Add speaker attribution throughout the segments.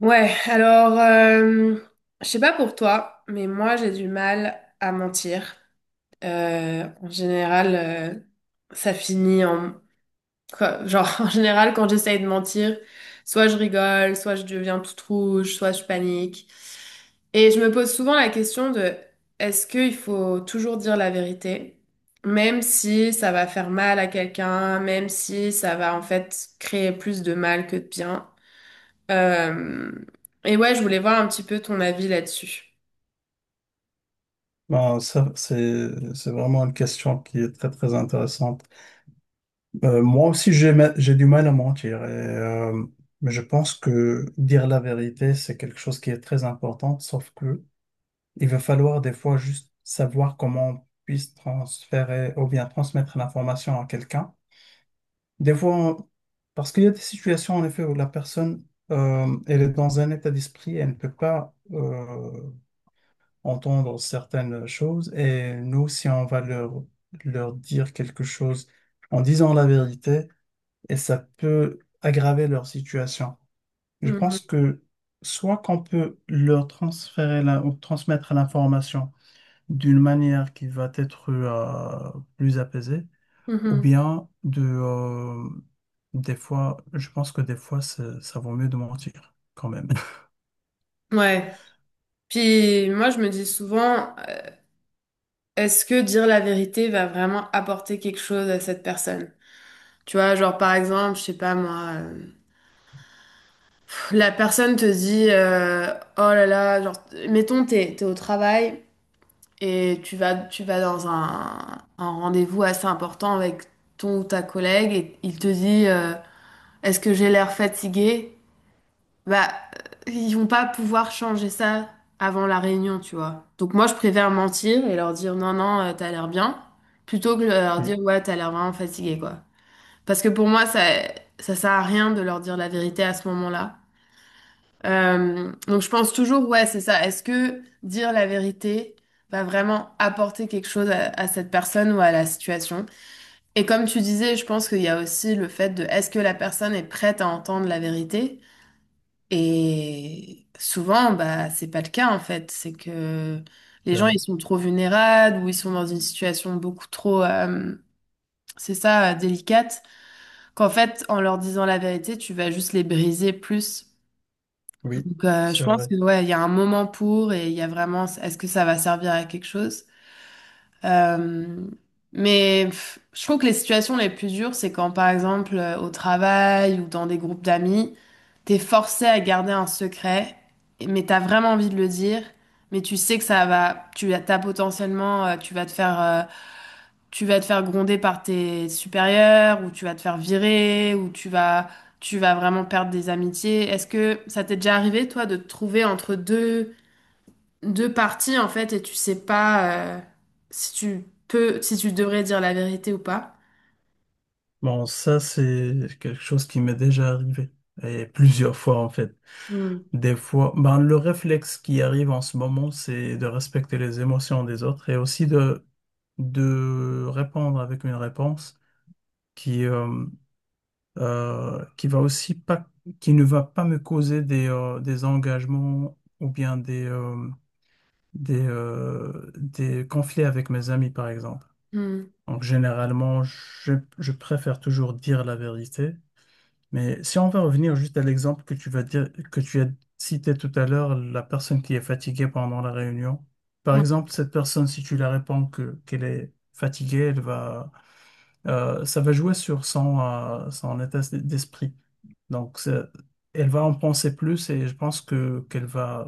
Speaker 1: Ouais, alors, je sais pas pour toi, mais moi j'ai du mal à mentir. En général, ça finit en... genre, en général, quand j'essaye de mentir, soit je rigole, soit je deviens toute rouge, soit je panique. Et je me pose souvent la question de, est-ce qu'il faut toujours dire la vérité, même si ça va faire mal à quelqu'un, même si ça va en fait créer plus de mal que de bien? Euh, et ouais, je voulais voir un petit peu ton avis là-dessus.
Speaker 2: Ben, ça, c'est vraiment une question qui est très, très intéressante. Moi aussi, j'ai du mal à mentir. Mais je pense que dire la vérité, c'est quelque chose qui est très important, sauf que il va falloir des fois juste savoir comment on puisse transférer ou bien transmettre l'information à quelqu'un. Des fois, on- Parce qu'il y a des situations, en effet, où la personne, elle est dans un état d'esprit, elle ne peut pas entendre certaines choses et nous, si on va leur dire quelque chose en disant la vérité, et ça peut aggraver leur situation. Je
Speaker 1: Mhm.
Speaker 2: pense que soit qu'on peut leur transférer ou transmettre l'information d'une manière qui va être plus apaisée, ou
Speaker 1: Mhm.
Speaker 2: bien des fois, je pense que des fois, ça vaut mieux de mentir quand même.
Speaker 1: Ouais. Puis moi, je me dis souvent, est-ce que dire la vérité va vraiment apporter quelque chose à cette personne? Tu vois, genre par exemple, je sais pas moi, pff, la personne te dit, oh là là, genre, mettons, t'es au travail et tu vas dans un rendez-vous assez important avec ton ou ta collègue et il te dit, est-ce que j'ai l'air fatigué? Bah, ils vont pas pouvoir changer ça avant la réunion, tu vois. Donc moi, je préfère mentir et leur dire non, non, t'as l'air bien, plutôt que leur dire
Speaker 2: Oui,
Speaker 1: ouais, t'as l'air vraiment fatigué, quoi. Parce que pour moi, ça sert à rien de leur dire la vérité à ce moment-là. Donc je pense toujours, ouais, c'est ça. Est-ce que dire la vérité va vraiment apporter quelque chose à cette personne ou à la situation? Et comme tu disais, je pense qu'il y a aussi le fait de est-ce que la personne est prête à entendre la vérité? Et souvent, bah, c'est pas le cas en fait. C'est que les gens,
Speaker 2: ben oui,
Speaker 1: ils sont trop vulnérables ou ils sont dans une situation beaucoup trop, c'est ça, délicate, qu'en fait, en leur disant la vérité, tu vas juste les briser plus.
Speaker 2: oui,
Speaker 1: Donc, je
Speaker 2: c'est
Speaker 1: pense
Speaker 2: vrai.
Speaker 1: que ouais, il y a un moment pour et il y a vraiment, est-ce que ça va servir à quelque chose? Euh, mais pff, je trouve que les situations les plus dures, c'est quand, par exemple, au travail ou dans des groupes d'amis, t'es forcé à garder un secret, mais t'as vraiment envie de le dire, mais tu sais que ça va, tu as potentiellement, tu vas te faire, tu vas te faire gronder par tes supérieurs, ou tu vas te faire virer, ou tu vas vraiment perdre des amitiés. Est-ce que ça t'est déjà arrivé, toi, de te trouver entre deux parties en fait et tu sais pas si tu peux, si tu devrais dire la vérité ou pas.
Speaker 2: Bon, ça, c'est quelque chose qui m'est déjà arrivé. Et plusieurs fois, en fait.
Speaker 1: Hmm.
Speaker 2: Des fois, ben, le réflexe qui arrive en ce moment, c'est de respecter les émotions des autres et aussi de répondre avec une réponse qui, euh, qui va aussi pas, qui ne va pas me causer des engagements ou bien des conflits avec mes amis, par exemple.
Speaker 1: Hmm.
Speaker 2: Donc, généralement, je préfère toujours dire la vérité. Mais si on va revenir juste à l'exemple que tu vas dire, que tu as cité tout à l'heure, la personne qui est fatiguée pendant la réunion. Par
Speaker 1: Ouais.
Speaker 2: exemple, cette personne, si tu la réponds que qu'elle est fatiguée, elle va, ça va jouer sur son état d'esprit. Donc, ça- Elle va en penser plus et je pense que qu'elle va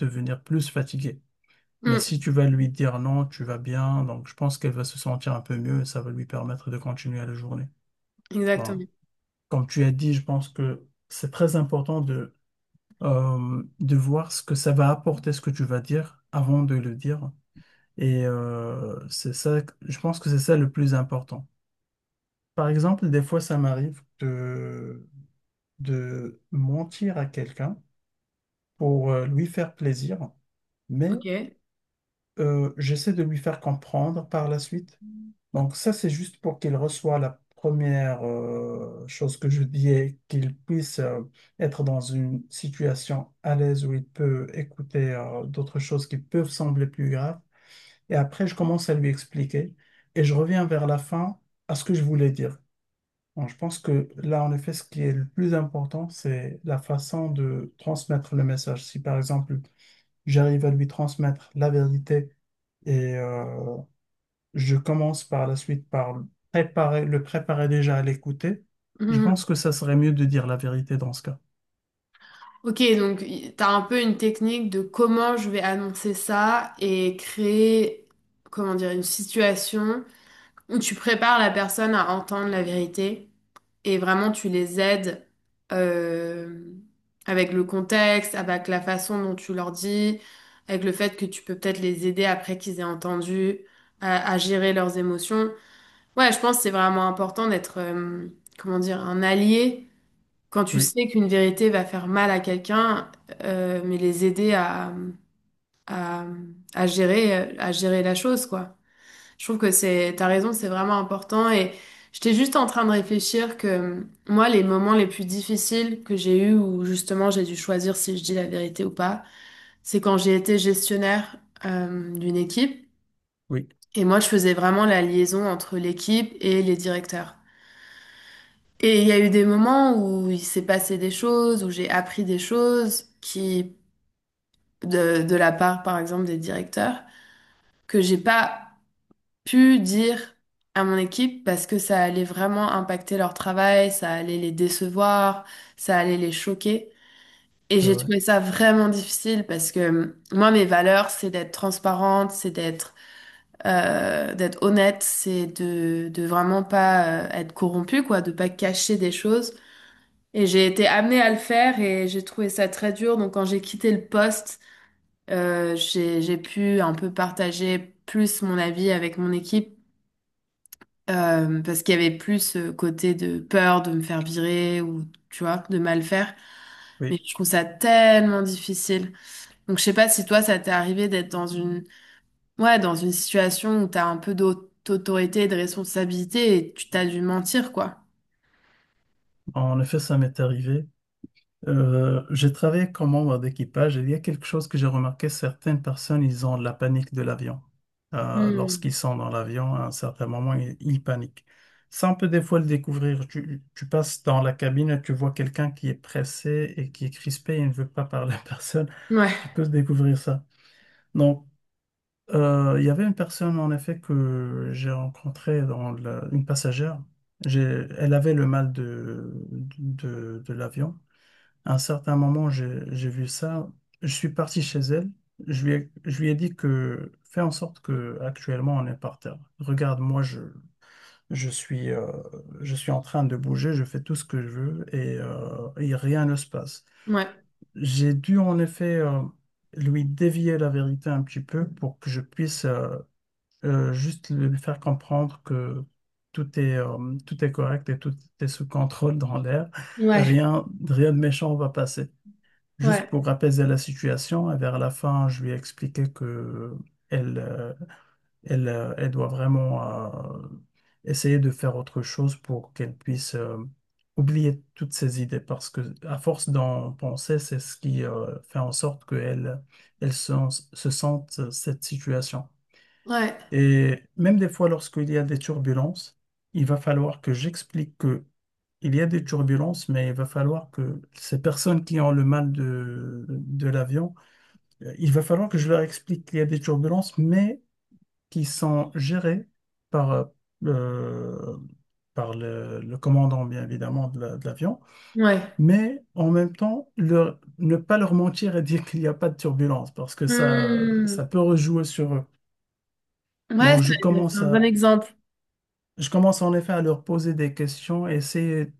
Speaker 2: devenir plus fatiguée. Mais
Speaker 1: Hmm.
Speaker 2: si tu vas lui dire non, tu vas bien, donc je pense qu'elle va se sentir un peu mieux et ça va lui permettre de continuer la journée. Voilà.
Speaker 1: Exactement.
Speaker 2: Comme tu as dit, je pense que c'est très important de voir ce que ça va apporter, ce que tu vas dire, avant de le dire. C'est ça, je pense que c'est ça le plus important. Par exemple, des fois, ça m'arrive de mentir à quelqu'un pour lui faire plaisir, mais
Speaker 1: Ok.
Speaker 2: j'essaie de lui faire comprendre par la suite. Donc ça, c'est juste pour qu'il reçoive la première chose que je dis, et qu'il puisse être dans une situation à l'aise où il peut écouter d'autres choses qui peuvent sembler plus graves. Et après, je commence à lui expliquer et je reviens vers la fin à ce que je voulais dire. Bon, je pense que là, en effet, ce qui est le plus important, c'est la façon de transmettre le message. Si par exemple, j'arrive à lui transmettre la vérité, et euh, je commence par la suite par le préparer déjà à l'écouter. Je
Speaker 1: Hmm.
Speaker 2: pense que ça serait mieux de dire la vérité dans ce cas.
Speaker 1: Ok, donc t'as un peu une technique de comment je vais annoncer ça et créer, comment dire, une situation. Tu prépares la personne à entendre la vérité et vraiment tu les aides euh, avec le contexte, avec la façon dont tu leur dis, avec le fait que tu peux peut-être les aider après qu'ils aient entendu à gérer leurs émotions. Ouais, je pense que c'est vraiment important d'être, comment dire, un allié quand tu
Speaker 2: Oui,
Speaker 1: sais qu'une vérité va faire mal à quelqu'un, mais les aider à, à gérer la chose, quoi. Je trouve que c'est, t'as raison, c'est vraiment important. Et j'étais juste en train de réfléchir que moi, les moments les plus difficiles que j'ai eus où justement j'ai dû choisir si je dis la vérité ou pas, c'est quand j'ai été gestionnaire d'une équipe.
Speaker 2: oui,
Speaker 1: Et moi, je faisais vraiment la liaison entre l'équipe et les directeurs. Et il y a eu des moments où il s'est passé des choses, où j'ai appris des choses qui, de la part, par exemple, des directeurs, que j'ai pas pu dire à mon équipe parce que ça allait vraiment impacter leur travail, ça allait les décevoir, ça allait les choquer. Et
Speaker 2: c'est
Speaker 1: j'ai
Speaker 2: vrai.
Speaker 1: trouvé ça vraiment difficile parce que moi, mes valeurs, c'est d'être transparente, c'est d'être d'être honnête, c'est de vraiment pas être corrompue, quoi, de pas cacher des choses. Et j'ai été amenée à le faire et j'ai trouvé ça très dur. Donc quand j'ai quitté le poste, j'ai pu un peu partager plus mon avis avec mon équipe. Parce qu'il y avait plus ce côté de peur de me faire virer ou, tu vois, de mal faire. Mais
Speaker 2: Oui,
Speaker 1: je trouve ça tellement difficile. Donc, je sais pas si toi, ça t'est arrivé d'être dans une, ouais, dans une situation où t'as un peu d'autorité et de responsabilité et tu t'as dû mentir, quoi.
Speaker 2: en effet, ça m'est arrivé. J'ai travaillé comme membre d'équipage et il y a quelque chose que j'ai remarqué, certaines personnes, ils ont la panique de l'avion.
Speaker 1: Hmm.
Speaker 2: Lorsqu'ils sont dans l'avion, à un certain moment, ils paniquent. Ça, on peut des fois le découvrir. Tu passes dans la cabine et tu vois quelqu'un qui est pressé et qui est crispé et ne veut pas parler à personne. Tu
Speaker 1: Ouais,
Speaker 2: peux découvrir ça. Donc, il y avait une personne, en effet, que j'ai rencontrée une passagère. Elle avait le mal de l'avion. À un certain moment, j'ai vu ça. Je suis parti chez elle. Je lui ai dit que fais en sorte que actuellement on est par terre. Regarde, je suis, euh, je suis en train de bouger, je fais tout ce que je veux et rien ne se passe.
Speaker 1: ouais,
Speaker 2: J'ai dû en effet lui dévier la vérité un petit peu pour que je puisse juste lui faire comprendre que tout est correct et tout est sous contrôle dans l'air.
Speaker 1: ouais,
Speaker 2: Rien, rien de méchant va passer. Juste
Speaker 1: ouais,
Speaker 2: pour apaiser la situation, et vers la fin, je lui ai expliqué que elle, euh, elle, elle doit vraiment euh, essayer de faire autre chose pour qu'elle puisse oublier toutes ses idées, parce que à force d'en penser, c'est ce qui fait en sorte qu'elle, elle elle se sente cette situation.
Speaker 1: ouais,
Speaker 2: Et même des fois, lorsqu'il y a des turbulences, il va falloir que j'explique que il y a des turbulences, mais il va falloir que ces personnes qui ont le mal de l'avion, il va falloir que je leur explique qu'il y a des turbulences, mais qui sont gérées par, euh, par le commandant, bien évidemment, de l'avion.
Speaker 1: ouais.
Speaker 2: Mais en même temps, ne pas leur mentir et dire qu'il n'y a pas de turbulences, parce que ça
Speaker 1: Hmm.
Speaker 2: peut rejouer sur eux.
Speaker 1: Ouais,
Speaker 2: Donc, je
Speaker 1: c'est
Speaker 2: commence
Speaker 1: un bon
Speaker 2: à
Speaker 1: exemple.
Speaker 2: Je commence en effet à leur poser des questions et c'est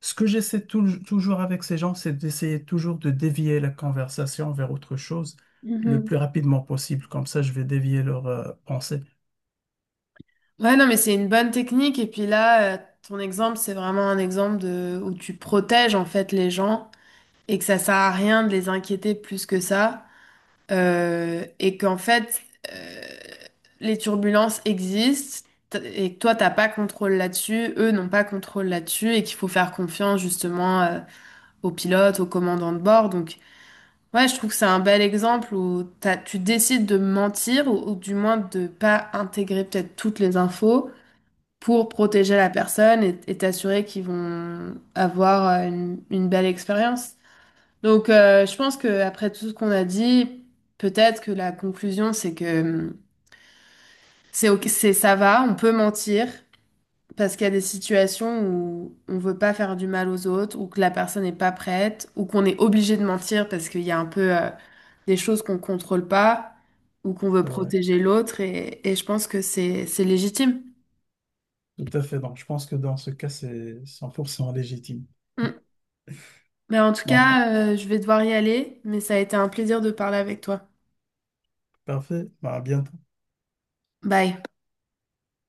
Speaker 2: ce que j'essaie toujours avec ces gens, c'est d'essayer toujours de dévier la conversation vers autre chose le plus rapidement possible. Comme ça, je vais dévier leur pensée.
Speaker 1: Ouais, non, mais c'est une bonne technique. Et puis là, ton exemple, c'est vraiment un exemple de où tu protèges en fait les gens et que ça sert à rien de les inquiéter plus que ça. Et qu'en fait, euh, les turbulences existent et que toi, t'as pas contrôle là-dessus, eux n'ont pas contrôle là-dessus et qu'il faut faire confiance justement aux pilotes, aux commandants de bord. Donc, ouais, je trouve que c'est un bel exemple où tu décides de mentir ou du moins de pas intégrer peut-être toutes les infos pour protéger la personne et t'assurer qu'ils vont avoir une belle expérience. Donc, je pense que après tout ce qu'on a dit, peut-être que la conclusion, c'est que c'est ok, c'est ça va, on peut mentir parce qu'il y a des situations où on veut pas faire du mal aux autres, ou que la personne n'est pas prête, ou qu'on est obligé de mentir parce qu'il y a un peu des choses qu'on contrôle pas, ou qu'on veut
Speaker 2: C'est vrai.
Speaker 1: protéger l'autre, et je pense que c'est légitime.
Speaker 2: Tout à fait. Donc, je pense que dans ce cas, c'est 100% légitime.
Speaker 1: Hum. Ben, en tout
Speaker 2: Bon,
Speaker 1: cas, je vais devoir y aller, mais ça a été un plaisir de parler avec toi.
Speaker 2: parfait. Bah, à bientôt.
Speaker 1: Bye.